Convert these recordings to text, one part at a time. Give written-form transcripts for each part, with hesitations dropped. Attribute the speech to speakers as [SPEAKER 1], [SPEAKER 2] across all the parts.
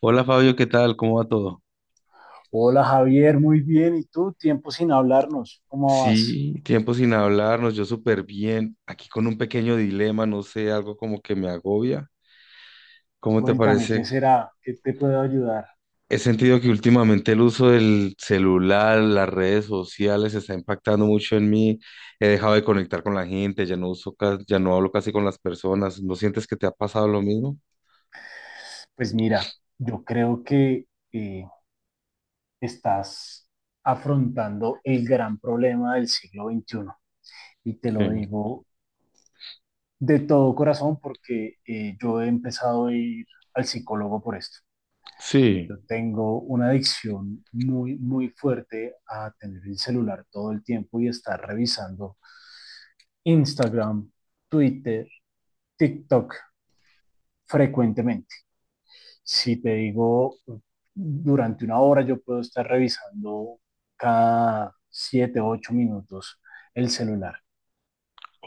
[SPEAKER 1] Hola Fabio, ¿qué tal? ¿Cómo va todo?
[SPEAKER 2] Hola Javier, muy bien. ¿Y tú? Tiempo sin hablarnos. ¿Cómo vas?
[SPEAKER 1] Sí, tiempo sin hablarnos, yo súper bien, aquí con un pequeño dilema, no sé, algo como que me agobia. ¿Cómo te
[SPEAKER 2] Cuéntame,
[SPEAKER 1] parece?
[SPEAKER 2] ¿qué será? ¿Qué te puedo ayudar?
[SPEAKER 1] He sentido que últimamente el uso del celular, las redes sociales está impactando mucho en mí. He dejado de conectar con la gente, ya no uso, ya no hablo casi con las personas. ¿No sientes que te ha pasado lo mismo?
[SPEAKER 2] Pues mira, yo creo que eh, estás afrontando el gran problema del siglo XXI. Y te lo
[SPEAKER 1] Sí,
[SPEAKER 2] digo de todo corazón porque yo he empezado a ir al psicólogo por esto.
[SPEAKER 1] sí.
[SPEAKER 2] Yo tengo una adicción muy, muy fuerte a tener el celular todo el tiempo y estar revisando Instagram, Twitter, TikTok frecuentemente. Si te digo, durante una hora yo puedo estar revisando cada 7 u 8 minutos el celular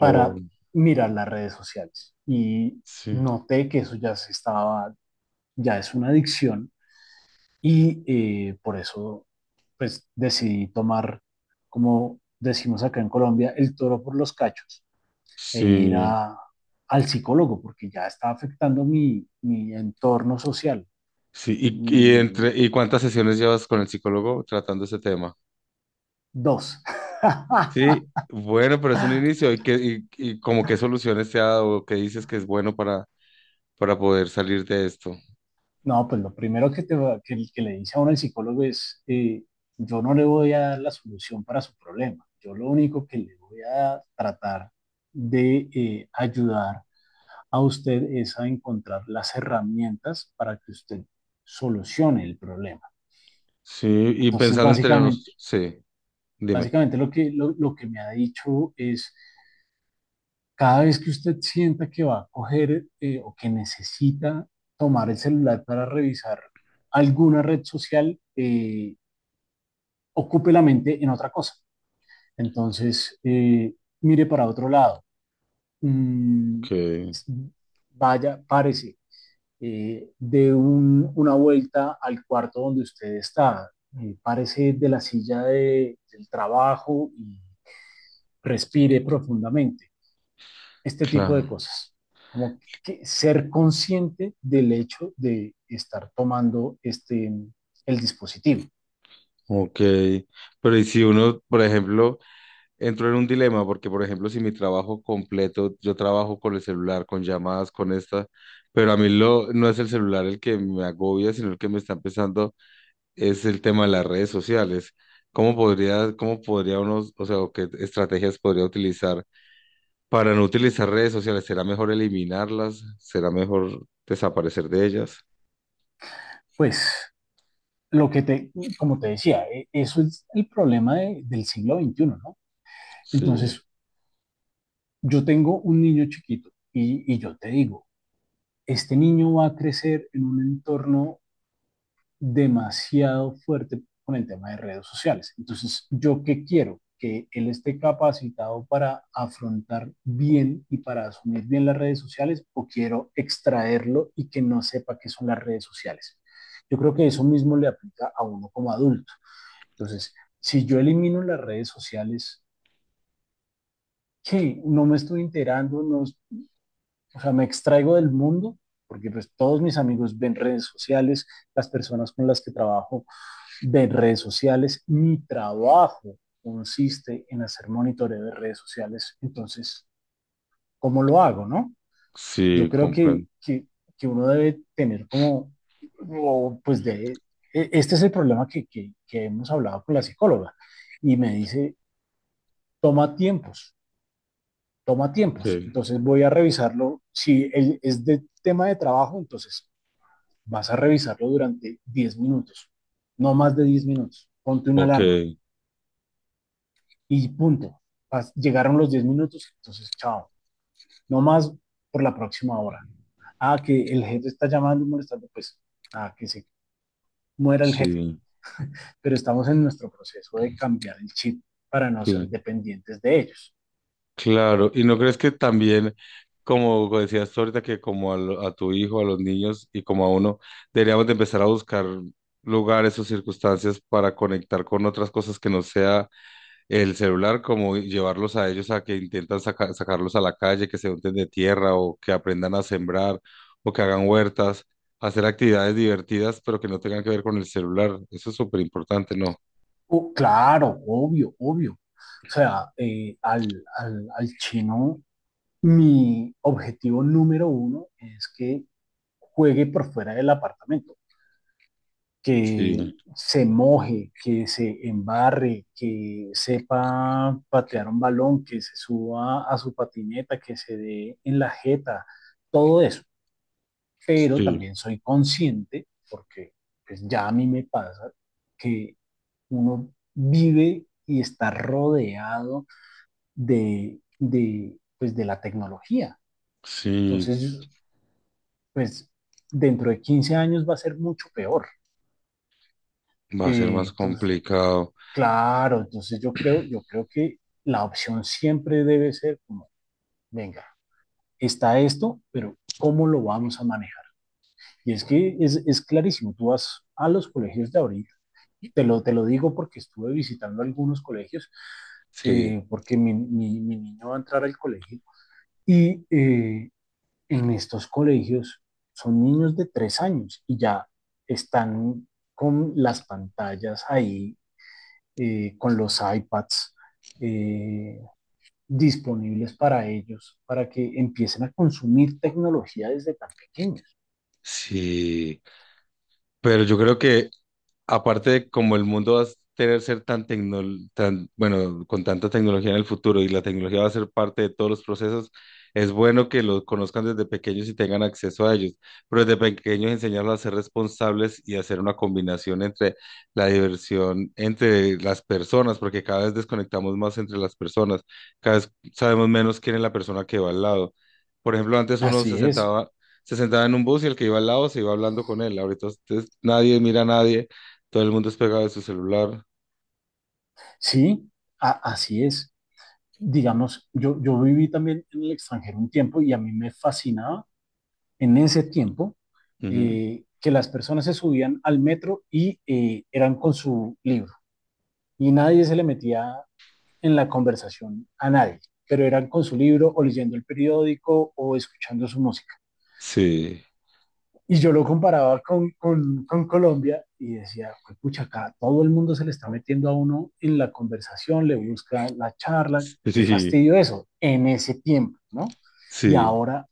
[SPEAKER 1] Oh,
[SPEAKER 2] mirar las redes sociales. Y
[SPEAKER 1] sí.
[SPEAKER 2] noté que eso ya se estaba, ya es una adicción y por eso pues decidí tomar, como decimos acá en Colombia, el toro por los cachos e ir
[SPEAKER 1] Sí,
[SPEAKER 2] a, al psicólogo porque ya está afectando mi entorno social.
[SPEAKER 1] sí. ¿Y,
[SPEAKER 2] Y
[SPEAKER 1] y cuántas sesiones llevas con el psicólogo tratando ese tema?
[SPEAKER 2] dos.
[SPEAKER 1] Sí, bueno, pero es un inicio. ¿Y qué, y como qué soluciones te ha dado? ¿Qué dices que es bueno para poder salir de esto?
[SPEAKER 2] No, pues lo primero que, te, va- que le dice a uno el psicólogo es, yo no le voy a dar la solución para su problema. Yo lo único que le voy a tratar de ayudar a usted es a encontrar las herramientas para que usted solucione el problema.
[SPEAKER 1] Sí, y
[SPEAKER 2] Entonces,
[SPEAKER 1] pensando entre
[SPEAKER 2] básicamente,
[SPEAKER 1] nosotros, sí, dime.
[SPEAKER 2] básicamente lo que me ha dicho es, cada vez que usted sienta que va a coger o que necesita tomar el celular para revisar alguna red social, ocupe la mente en otra cosa. Entonces, mire para otro lado. Mm,
[SPEAKER 1] Que
[SPEAKER 2] vaya, párese, una vuelta al cuarto donde usted está. Párese de la silla del trabajo y respire profundamente. Este tipo de
[SPEAKER 1] claro,
[SPEAKER 2] cosas, como que ser consciente del hecho de estar tomando este, el dispositivo.
[SPEAKER 1] ok. Pero y si uno, por ejemplo, entró en un dilema, porque por ejemplo, si mi trabajo completo, yo trabajo con el celular, con llamadas, con esta, pero a mí lo, no es el celular el que me agobia, sino el que me está empezando es el tema de las redes sociales. Cómo podría uno, o sea, o qué estrategias podría utilizar para no utilizar redes sociales? ¿Será mejor eliminarlas? ¿Será mejor desaparecer de ellas?
[SPEAKER 2] Pues lo que te, como te decía, eso es el problema del siglo veintiuno, ¿no?
[SPEAKER 1] Sí,
[SPEAKER 2] Entonces, yo tengo un niño chiquito y yo te digo, este niño va a crecer en un entorno demasiado fuerte con el tema de redes sociales. Entonces, ¿yo qué quiero? Que él esté capacitado para afrontar bien y para asumir bien las redes sociales o quiero extraerlo y que no sepa qué son las redes sociales. Yo creo que eso mismo le aplica a uno como adulto. Entonces, si yo elimino las redes sociales, ¿qué? No me estoy enterando, no, o sea, me extraigo del mundo, porque pues todos mis amigos ven redes sociales, las personas con las que trabajo de redes sociales. Mi trabajo consiste en hacer monitoreo de redes sociales. Entonces, ¿cómo lo hago, no? Yo
[SPEAKER 1] sí,
[SPEAKER 2] creo
[SPEAKER 1] comprendo.
[SPEAKER 2] que uno debe tener como, o, pues de, e, este es el problema que hemos hablado con la psicóloga y me dice, toma tiempos, toma tiempos.
[SPEAKER 1] Okay,
[SPEAKER 2] Entonces voy a revisarlo. Si es de tema de trabajo, entonces vas a revisarlo durante 10 minutos, no más de 10 minutos. Ponte una alarma
[SPEAKER 1] okay,
[SPEAKER 2] y punto. Llegaron los 10 minutos, entonces chao, no más por la próxima hora. Ah, que el jefe está llamando y molestando, pues, ah, que se muera el jefe.
[SPEAKER 1] sí,
[SPEAKER 2] Pero estamos en nuestro proceso de cambiar el chip para no ser
[SPEAKER 1] sí,
[SPEAKER 2] dependientes de ellos.
[SPEAKER 1] claro. ¿Y no crees que también, como decías tú ahorita, que como a, a tu hijo, a los niños y como a uno, deberíamos de empezar a buscar lugares o circunstancias para conectar con otras cosas que no sea el celular, como llevarlos a ellos a que intentan sacarlos a la calle, que se unten de tierra o que aprendan a sembrar o que hagan huertas, hacer actividades divertidas, pero que no tengan que ver con el celular. Eso es súper importante, ¿no?
[SPEAKER 2] Oh, claro, obvio, obvio. O sea, al chino, mi objetivo número uno es que juegue por fuera del apartamento,
[SPEAKER 1] Sí,
[SPEAKER 2] que se moje, que se embarre, que sepa patear un balón, que se suba a su patineta, que se dé en la jeta, todo eso. Pero
[SPEAKER 1] sí,
[SPEAKER 2] también soy consciente, porque pues, ya a mí me pasa, que uno vive y está rodeado pues, de la tecnología.
[SPEAKER 1] sí,
[SPEAKER 2] Entonces, pues dentro de 15 años va a ser mucho peor.
[SPEAKER 1] va a ser más
[SPEAKER 2] Entonces,
[SPEAKER 1] complicado.
[SPEAKER 2] claro, entonces yo creo que la opción siempre debe ser como, venga, está esto, pero ¿cómo lo vamos a manejar? Y es que es clarísimo, tú vas a los colegios de ahorita, te lo digo porque estuve visitando algunos colegios,
[SPEAKER 1] Sí,
[SPEAKER 2] porque mi niño va a entrar al colegio, y en estos colegios son niños de 3 años y ya están con las pantallas ahí, con los iPads, eh, disponibles para ellos, para que empiecen a consumir tecnología desde tan pequeños.
[SPEAKER 1] sí. Pero yo creo que aparte de como el mundo va a tener ser tan tecno, tan, bueno, con tanta tecnología en el futuro y la tecnología va a ser parte de todos los procesos, es bueno que los conozcan desde pequeños y tengan acceso a ellos, pero desde pequeños enseñarlos a ser responsables y hacer una combinación entre la diversión entre las personas, porque cada vez desconectamos más entre las personas, cada vez sabemos menos quién es la persona que va al lado. Por ejemplo, antes uno
[SPEAKER 2] Así es,
[SPEAKER 1] se sentaba en un bus y el que iba al lado se iba hablando con él, ahorita nadie mira a nadie, todo el mundo es pegado de su celular.
[SPEAKER 2] sí, así es. Digamos, yo viví también en el extranjero un tiempo y a mí me fascinaba en ese tiempo,
[SPEAKER 1] Ujú.
[SPEAKER 2] que las personas se subían al metro y eran con su libro y nadie se le metía en la conversación a nadie, pero eran con su libro o leyendo el periódico o escuchando su música.
[SPEAKER 1] Sí,
[SPEAKER 2] Y yo lo comparaba con Colombia y decía, pues, pucha, acá todo el mundo se le está metiendo a uno en la conversación, le busca la charla, qué
[SPEAKER 1] sí,
[SPEAKER 2] fastidio eso, en ese tiempo, ¿no? Y
[SPEAKER 1] sí,
[SPEAKER 2] ahora,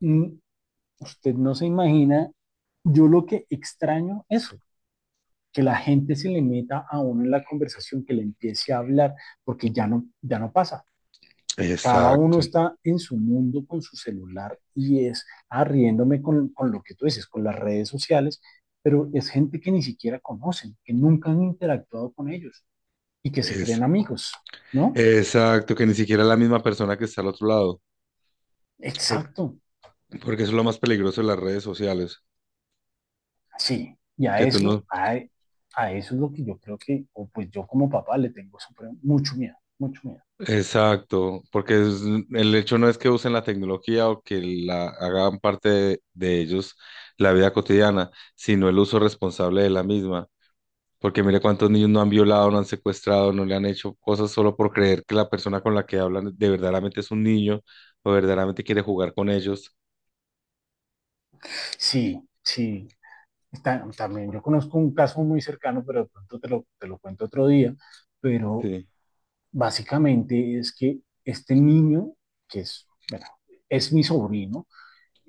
[SPEAKER 2] mm, usted no se imagina, yo lo que extraño eso, que la gente se le meta a uno en la conversación, que le empiece a hablar, porque ya no, ya no pasa. Cada uno
[SPEAKER 1] exacto,
[SPEAKER 2] está en su mundo con su celular y es arriéndome con lo que tú dices, con las redes sociales, pero es gente que ni siquiera conocen, que nunca han interactuado con ellos y que se
[SPEAKER 1] eso.
[SPEAKER 2] creen amigos, ¿no?
[SPEAKER 1] Exacto, que ni siquiera es la misma persona que está al otro lado, por-
[SPEAKER 2] Exacto,
[SPEAKER 1] porque eso es lo más peligroso de las redes sociales,
[SPEAKER 2] sí. Y a
[SPEAKER 1] que tú
[SPEAKER 2] eso,
[SPEAKER 1] no...
[SPEAKER 2] a eso es lo que yo creo que, o pues yo como papá le tengo mucho miedo, mucho miedo.
[SPEAKER 1] Exacto, porque el hecho no es que usen la tecnología o que la hagan parte de ellos la vida cotidiana, sino el uso responsable de la misma. Porque mire cuántos niños no han violado, no han secuestrado, no le han hecho cosas solo por creer que la persona con la que hablan de verdaderamente es un niño o verdaderamente quiere jugar con ellos.
[SPEAKER 2] Sí, sí. Está- también yo conozco un caso muy cercano, pero de pronto te lo cuento otro día, pero
[SPEAKER 1] Sí.
[SPEAKER 2] básicamente es que este niño, que es, bueno, es mi sobrino,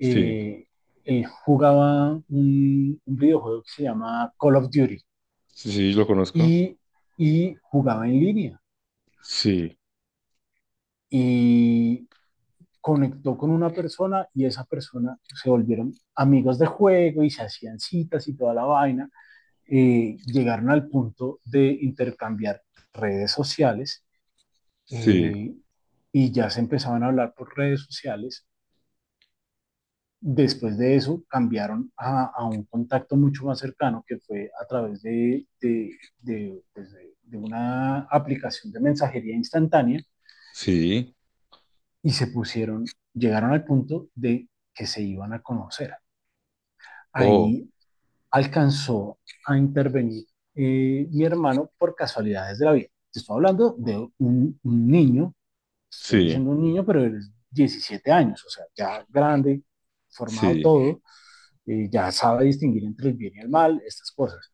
[SPEAKER 1] Sí,
[SPEAKER 2] él jugaba un videojuego que se llama Call of Duty
[SPEAKER 1] sí, sí, lo conozco.
[SPEAKER 2] y, y jugaba en línea
[SPEAKER 1] Sí,
[SPEAKER 2] y conectó con una persona y esa persona se volvieron amigos de juego y se hacían citas y toda la vaina. Llegaron al punto de intercambiar redes sociales,
[SPEAKER 1] sí,
[SPEAKER 2] eh, y ya se empezaban a hablar por redes sociales. Después de eso, cambiaron a un contacto mucho más cercano que fue a través de una aplicación de mensajería instantánea
[SPEAKER 1] sí.
[SPEAKER 2] y se pusieron, llegaron al punto de que se iban a conocer.
[SPEAKER 1] Oh,
[SPEAKER 2] Ahí alcanzó a intervenir, mi hermano por casualidades de la vida. Te estoy hablando de un niño, estoy
[SPEAKER 1] sí,
[SPEAKER 2] diciendo un niño, pero él es 17 años, o sea, ya grande, formado
[SPEAKER 1] sí,
[SPEAKER 2] todo, ya sabe distinguir entre el bien y el mal, estas cosas.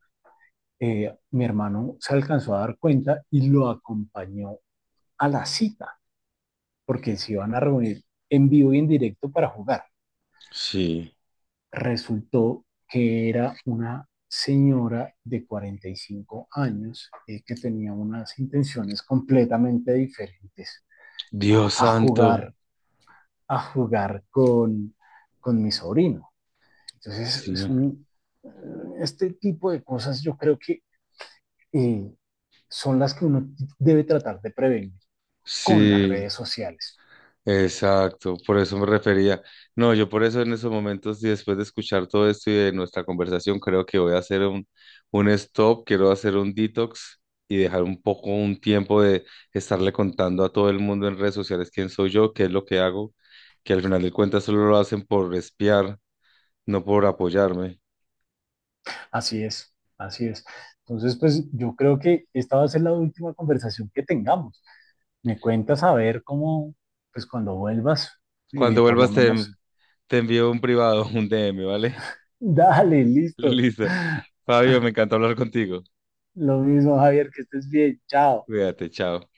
[SPEAKER 2] Mi hermano se alcanzó a dar cuenta y lo acompañó a la cita, porque se iban a reunir en vivo y en directo para jugar.
[SPEAKER 1] sí.
[SPEAKER 2] Resultó que era una señora de 45 años, que tenía unas intenciones completamente diferentes
[SPEAKER 1] Dios
[SPEAKER 2] a, a
[SPEAKER 1] santo.
[SPEAKER 2] jugar, a jugar con mi sobrino. Entonces,
[SPEAKER 1] Sí,
[SPEAKER 2] este tipo de cosas yo creo que eh, son las que uno debe tratar de prevenir con las
[SPEAKER 1] sí.
[SPEAKER 2] redes sociales.
[SPEAKER 1] Exacto, por eso me refería. No, yo por eso en esos momentos y después de escuchar todo esto y de nuestra conversación, creo que voy a hacer un stop, quiero hacer un detox y dejar un poco un tiempo de estarle contando a todo el mundo en redes sociales quién soy yo, qué es lo que hago, que al final de cuentas solo lo hacen por espiar, no por apoyarme.
[SPEAKER 2] Así es, así es. Entonces, pues yo creo que esta va a ser la última conversación que tengamos. Me cuentas a ver cómo, pues cuando vuelvas,
[SPEAKER 1] Cuando
[SPEAKER 2] por lo
[SPEAKER 1] vuelvas te,
[SPEAKER 2] menos,
[SPEAKER 1] te envío un privado, un DM, ¿vale?
[SPEAKER 2] dale, listo.
[SPEAKER 1] Listo. Fabio, me encanta hablar contigo.
[SPEAKER 2] Lo mismo, Javier, que estés bien. Chao.
[SPEAKER 1] Cuídate, chao.